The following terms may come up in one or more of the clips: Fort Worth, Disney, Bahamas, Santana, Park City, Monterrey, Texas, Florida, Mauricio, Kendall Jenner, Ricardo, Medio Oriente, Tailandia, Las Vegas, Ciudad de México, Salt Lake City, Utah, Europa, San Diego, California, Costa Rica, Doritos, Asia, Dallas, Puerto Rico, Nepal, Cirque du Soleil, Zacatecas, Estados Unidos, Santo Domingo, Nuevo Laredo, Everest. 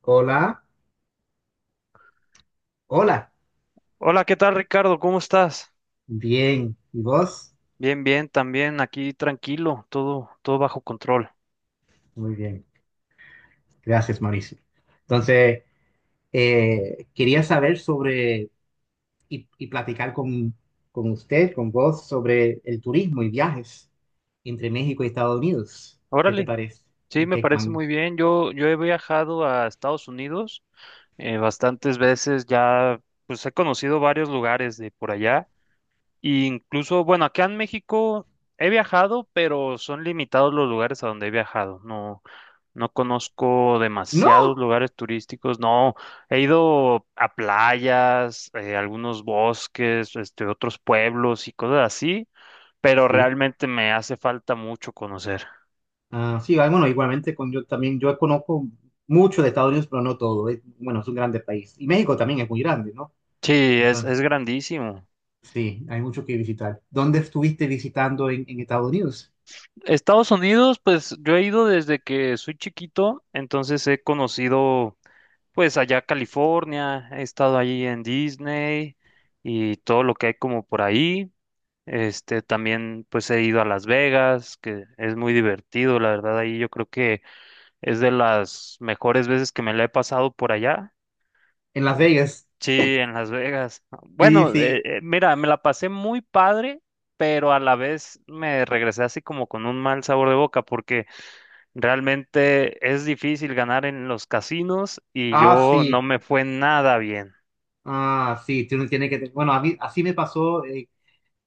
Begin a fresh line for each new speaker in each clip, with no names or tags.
Hola, hola,
Hola, ¿qué tal, Ricardo? ¿Cómo estás?
bien. ¿Y vos?
Bien, bien, también aquí tranquilo, todo bajo control.
Muy bien. Gracias, Mauricio. Entonces, quería saber sobre y platicar con usted, con vos, sobre el turismo y viajes entre México y Estados Unidos. ¿Qué te
Órale,
parece?
sí, me
¿Qué
parece
man-
muy bien. Yo he viajado a Estados Unidos bastantes veces, ya pues he conocido varios lugares de por allá. Y incluso, bueno, acá en México he viajado, pero son limitados los lugares a donde he viajado. No, no conozco demasiados
No,
lugares turísticos. No, he ido a playas, algunos bosques, otros pueblos y cosas así, pero
sí.
realmente me hace falta mucho conocer.
Ah, sí, ah, bueno, igualmente con yo también, yo conozco mucho de Estados Unidos, pero no todo. Es- bueno, es un grande país. Y México también es muy grande, ¿no?
Sí, es,
Entonces,
es grandísimo.
sí, hay mucho que visitar. ¿Dónde estuviste visitando en Estados Unidos?
Estados Unidos, pues yo he ido desde que soy chiquito, entonces he conocido. Pues allá a California, he estado allí en Disney y todo lo que hay como por ahí. También pues he ido a Las Vegas, que es muy divertido, la verdad, ahí yo creo que es de las mejores veces que me la he pasado por allá.
En Las
Eh,
Vegas.
Sí, en Las Vegas.
Sí,
Bueno,
sí.
mira, me la pasé muy padre, pero a la vez me regresé así como con un mal sabor de boca porque realmente es difícil ganar en los casinos y
Ah,
yo no
sí.
me fue nada bien.
Ah, sí. Tú no tienes que... Bueno, a mí, así me pasó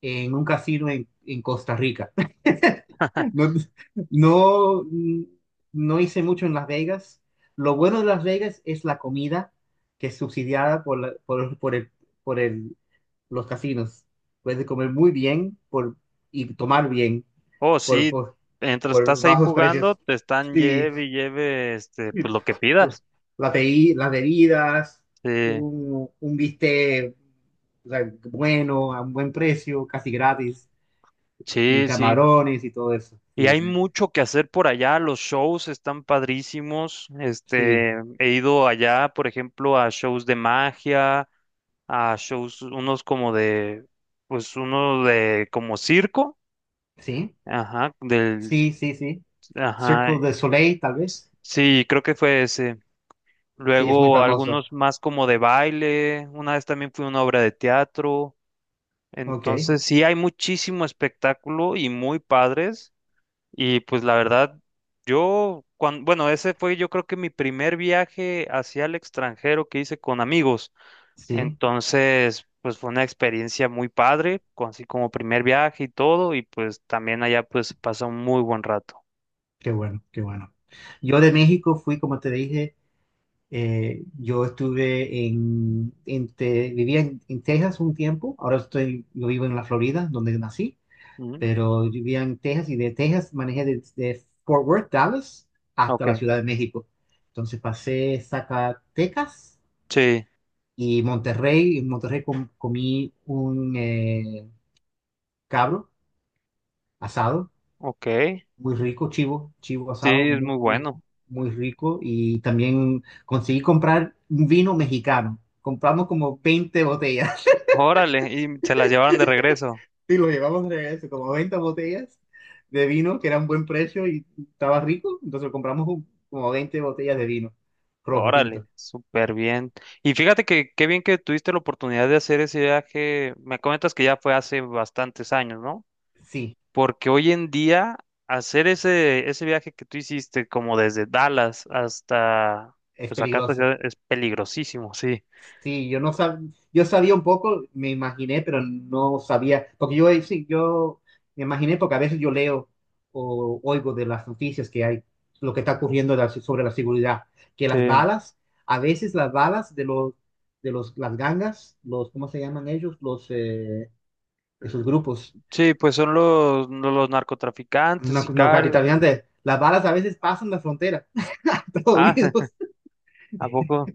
en un casino en Costa Rica. No, no, no hice mucho en Las Vegas. Lo bueno de Las Vegas es la comida que es subsidiada por, la- por el- los casinos. Puedes comer muy bien por, y tomar bien
Oh,
por,
sí,
por,
mientras
por
estás ahí
bajos
jugando,
precios.
te están
Sí,
lleve y lleve, pues lo que
pues,
pidas.
la bebi- las bebidas,
Sí,
un bistec, o sea, bueno, a un buen precio, casi gratis, y
sí, sí.
camarones y todo eso.
Y
Sí,
hay mucho que hacer por allá, los shows están padrísimos.
sí,
He ido allá, por ejemplo, a shows de magia, a shows, unos como de, pues uno de como circo,
sí.
ajá, del,
Sí, sí, sí.
ajá,
Circle de Soleil, tal vez.
sí, creo que fue ese.
Sí, es muy
Luego
famoso.
algunos más como de baile, una vez también fue una obra de teatro.
Ok,
Entonces sí hay muchísimo espectáculo y muy padres. Y pues la verdad, yo, cuando, bueno, ese fue yo creo que mi primer viaje hacia el extranjero que hice con amigos.
sí,
Entonces, pues fue una experiencia muy padre, con- así como primer viaje y todo. Y pues también allá pues pasó un muy buen rato.
qué bueno, qué bueno. Yo de México fui, como te dije, yo estuve en Te- vivía en Texas un tiempo, ahora estoy, yo vivo en la Florida, donde nací,
Ujú.
pero yo vivía en Texas y de Texas manejé desde Fort Worth, Dallas, hasta
Ok.
la Ciudad de México. Entonces pasé Zacatecas
Sí,
y Monterrey, en Monterrey com- comí un cabro asado,
ok.
muy rico, chivo, chivo
Sí,
asado,
es
muy,
muy
muy,
bueno.
muy rico. Y también conseguí comprar un vino mexicano. Compramos como 20 botellas.
Órale, y se las llevaron de regreso.
Y lo llevamos de regreso, como 20 botellas de vino, que era un buen precio y estaba rico. Entonces compramos un- como 20 botellas de vino rojo tinto.
Órale, súper bien. Y fíjate que qué bien que tuviste la oportunidad de hacer ese viaje. Me comentas que ya fue hace bastantes años, ¿no?
Sí,
Porque hoy en día hacer ese viaje que tú hiciste como desde Dallas hasta,
es
pues acá hasta
peligroso.
Ciudad- es peligrosísimo, sí.
Sí, yo no sab... yo sabía un poco, me imaginé, pero no sabía, porque yo sí, yo me imaginé porque a veces yo leo o oigo de las noticias que hay, lo que está ocurriendo de la- sobre la seguridad, que
Sí,
las balas, a veces las balas de los las gangas, los, ¿cómo se llaman ellos? Los, esos grupos,
sí, pues son los narcotraficantes,
no, no
sicarios.
narcotraficantes, las balas a veces pasan la frontera a Estados
Ah,
Unidos,
¿a poco?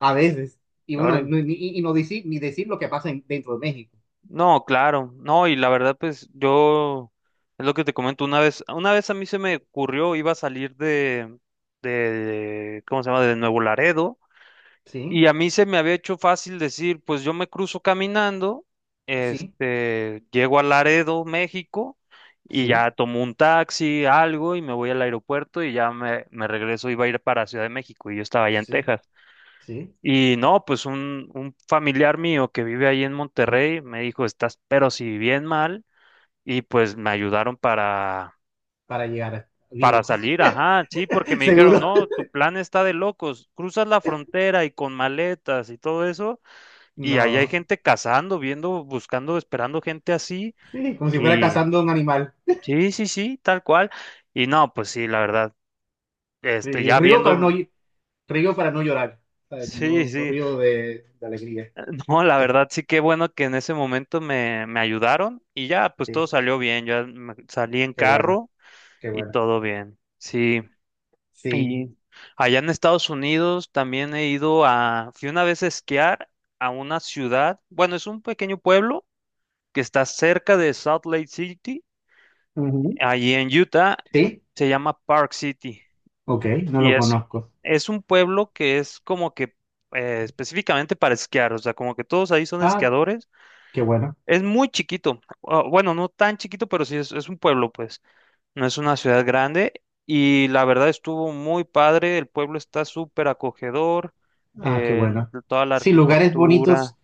a veces, y bueno,
Órale.
y no decir, ni decir lo que pasa en- dentro de México,
No, claro, no, y la verdad, pues yo, es lo que te comento, una vez a mí se me ocurrió, iba a salir de, ¿cómo se llama?, de Nuevo Laredo,
¿sí?
y a mí se me había hecho fácil decir, pues yo me cruzo caminando,
Sí.
llego a Laredo, México, y ya
Sí,
tomo un taxi, algo, y me voy al aeropuerto, y ya me regreso, iba a ir para Ciudad de México, y yo estaba allá en
sí,
Texas.
sí,
Y no, pues un familiar mío que vive ahí en Monterrey me dijo, estás pero si bien mal, y pues me ayudaron
para llegar
para
vivo.
salir, ajá, sí, porque me dijeron,
Seguro.
no, tu plan está de locos, cruzas la frontera y con maletas y todo eso, y ahí hay
No,
gente cazando, viendo, buscando, esperando gente así,
sí, como si fuera
y
cazando un animal.
sí, sí, sí, tal cual, y no, pues sí, la verdad,
Sí,
ya
río para no,
viendo,
ll- río para no llorar, ¿sabes?
sí,
No, no
sí.
río de alegría.
No, la verdad sí que bueno que en ese momento me ayudaron y ya, pues todo
Sí,
salió bien, ya me- salí en
qué bueno,
carro
qué
y
bueno.
todo bien. Sí,
Sí,
y allá en Estados Unidos también he ido a, fui una vez a esquiar a una ciudad, bueno, es un pequeño pueblo que está cerca de Salt Lake City,
ujú,
allí en Utah,
sí,
se llama Park City
ok, no
y
lo conozco.
es un pueblo que es como que específicamente para esquiar, o sea, como que todos ahí son
Ah,
esquiadores.
qué bueno,
Es muy chiquito, o- bueno, no tan chiquito, pero sí es un pueblo, pues, no es una ciudad grande y la verdad estuvo muy padre, el pueblo está súper acogedor,
ah, qué
eh,
bueno.
toda la
Sí, lugares bonitos,
arquitectura,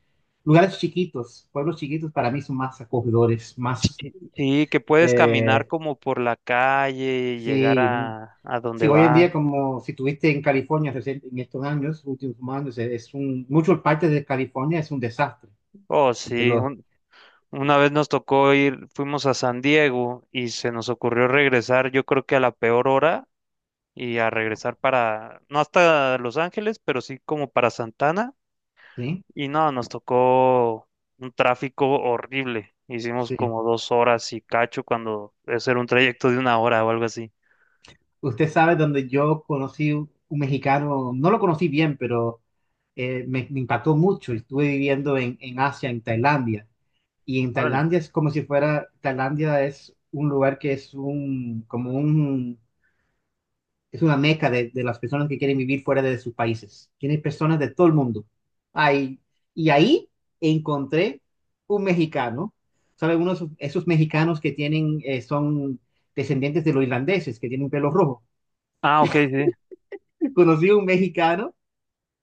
lugares chiquitos, pueblos chiquitos para mí son más acogedores,
sí,
más,
sí, sí, que puedes caminar
eh,
como por la calle y llegar
sí.
a
Sí,
donde
hoy en
va.
día, como si tuviste en California recién- en estos años, últimos años, es un, muchas partes de California es un desastre.
Oh,
De
sí,
los,
un- una vez nos tocó ir, fuimos a San Diego y se nos ocurrió regresar, yo creo que a la peor hora y a regresar para, no hasta Los Ángeles, pero sí como para Santana.
sí,
Y no, nos tocó un tráfico horrible. Hicimos
sí.
como dos horas y cacho cuando eso era un trayecto de una hora o algo así.
Usted sabe donde yo conocí un mexicano, no lo conocí bien, pero me, me impactó mucho. Estuve viviendo en Asia, en Tailandia. Y en
Órale.
Tailandia es como si fuera, Tailandia es un lugar que es un, como un, es una meca de las personas que quieren vivir fuera de sus países. Tiene personas de todo el mundo. Ahí, y ahí encontré un mexicano, ¿sabe? Uno de esos, esos mexicanos que tienen, son descendientes de los irlandeses, que tienen pelo rojo.
Ah, ok, sí.
Conocí a un mexicano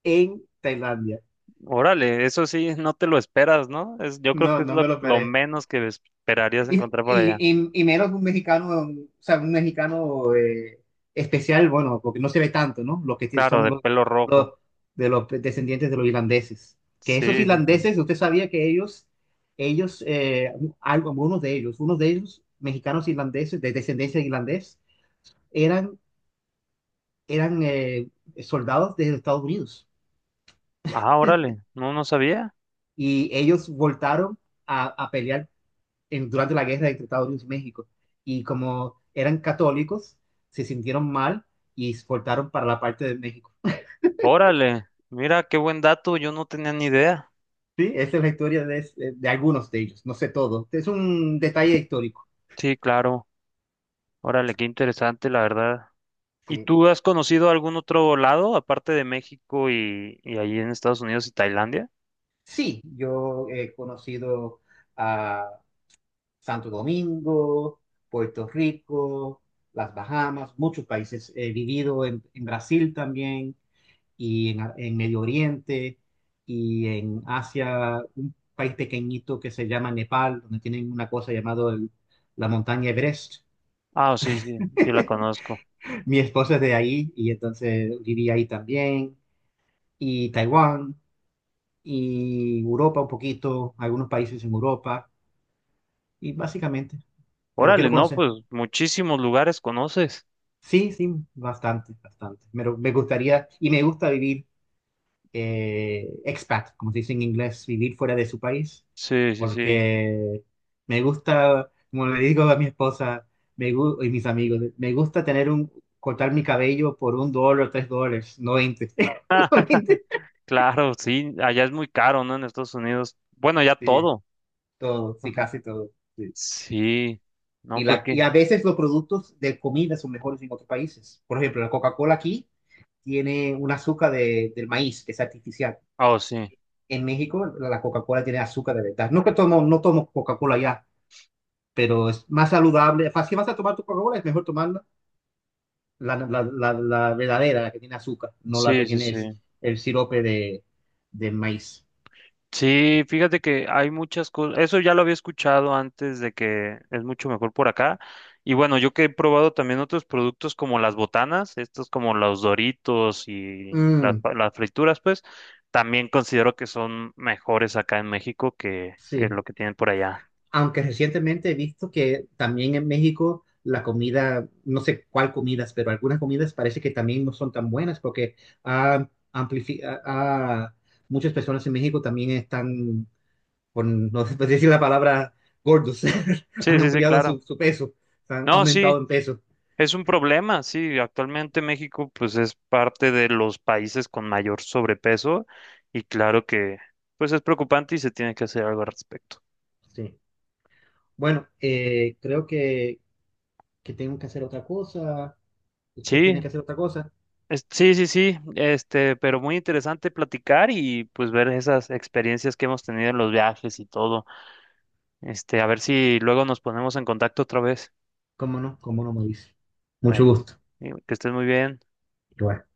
en Tailandia.
Órale, eso sí, no te lo esperas, ¿no? Es, yo creo
No,
que es
no me lo
lo
esperé.
menos que esperarías encontrar por allá.
Y menos un mexicano, o sea, un mexicano especial, bueno, porque no se ve tanto, ¿no? Los que sí
Claro,
son
de pelo rojo.
los- de los descendientes de los irlandeses. Que esos
Sí, sí, sí.
irlandeses, usted sabía que ellos, ellos, eh, algo- algunos de ellos, unos de ellos, mexicanos irlandeses, de descendencia irlandés, eran, eran soldados de Estados Unidos.
Ah, órale, no, no sabía.
Y ellos voltaron a pelear en, durante la guerra de Tratado de México. Y como eran católicos, se sintieron mal y exportaron para la parte de México.
Órale, mira, qué buen dato, yo no tenía ni idea.
Sí, esa es la historia de algunos de ellos, no sé todo. Es un detalle histórico.
Sí, claro. Órale, qué interesante, la verdad. ¿Y
Sí,
tú has conocido algún otro lado, aparte de México y allí en Estados Unidos y Tailandia?
sí yo he conocido a Santo Domingo, Puerto Rico, las Bahamas, muchos países. He vivido en Brasil también y en, Ar- en Medio Oriente y en Asia, un país pequeñito que se llama Nepal, donde tienen una cosa llamada el- la montaña Everest.
Ah, sí, sí, sí la conozco.
Mi esposa es de ahí y entonces viví ahí también. Y Taiwán y Europa un poquito, algunos países en Europa y básicamente, pero
Órale,
quiero
no,
conocer.
pues muchísimos lugares conoces.
Sí, sí, bastante, bastante. Pero me gustaría y me gusta vivir expat, como se dice en inglés, vivir fuera de su país,
Sí, sí, sí.
porque me gusta, como le digo a mi esposa, me gu- y mis amigos, me gusta tener un, cortar mi cabello por un dólar o tres dólares, no 20. No 20.
Claro, sí, allá es muy caro, ¿no? En Estados Unidos. Bueno, ya
Sí,
todo.
todo, sí,
Ajá.
casi todo. Sí.
Sí. No,
Y,
pues
la, y
qué.
a veces los productos de comida son mejores en otros países. Por ejemplo, la Coca-Cola aquí tiene un azúcar de- del maíz, que es artificial.
Oh, sí.
En México, la Coca-Cola tiene azúcar de verdad. No que tomo, no tomo Coca-Cola ya, pero es más saludable. Fa- Si vas a tomar tu Coca-Cola, es mejor tomar la verdadera, la que tiene azúcar, no la
Sí,
que
sí,
tiene
sí.
el sirope de maíz.
Sí, fíjate que hay muchas cosas, eso ya lo había escuchado antes de que es mucho mejor por acá. Y bueno, yo que he probado también otros productos como las botanas, estos como los Doritos y las,
Mm,
pa- las frituras, pues también considero que son mejores acá en México que
sí,
lo que tienen por allá.
aunque recientemente he visto que también en México la comida, no sé cuál comidas, pero algunas comidas parece que también no son tan buenas porque ah, amplifi- ah, ah, muchas personas en México también están, por no sé decir la palabra, gordos,
Sí,
han
sí, sí,
ampliado
claro.
su, su peso, han
No,
aumentado
sí,
en peso.
es un problema, sí. Actualmente México pues es parte de los países con mayor sobrepeso y claro que pues es preocupante y se tiene que hacer algo al respecto.
Sí. Bueno, creo que tengo que hacer otra cosa. Usted
Sí,
tiene que hacer otra cosa.
es- sí, sí, sí, este, pero muy interesante platicar y pues ver esas experiencias que hemos tenido en los viajes y todo. Este, a ver si luego nos ponemos en contacto otra vez.
¿Cómo no? ¿Cómo no me dice? Mucho
Bueno,
gusto.
y que estés muy bien.
Igual.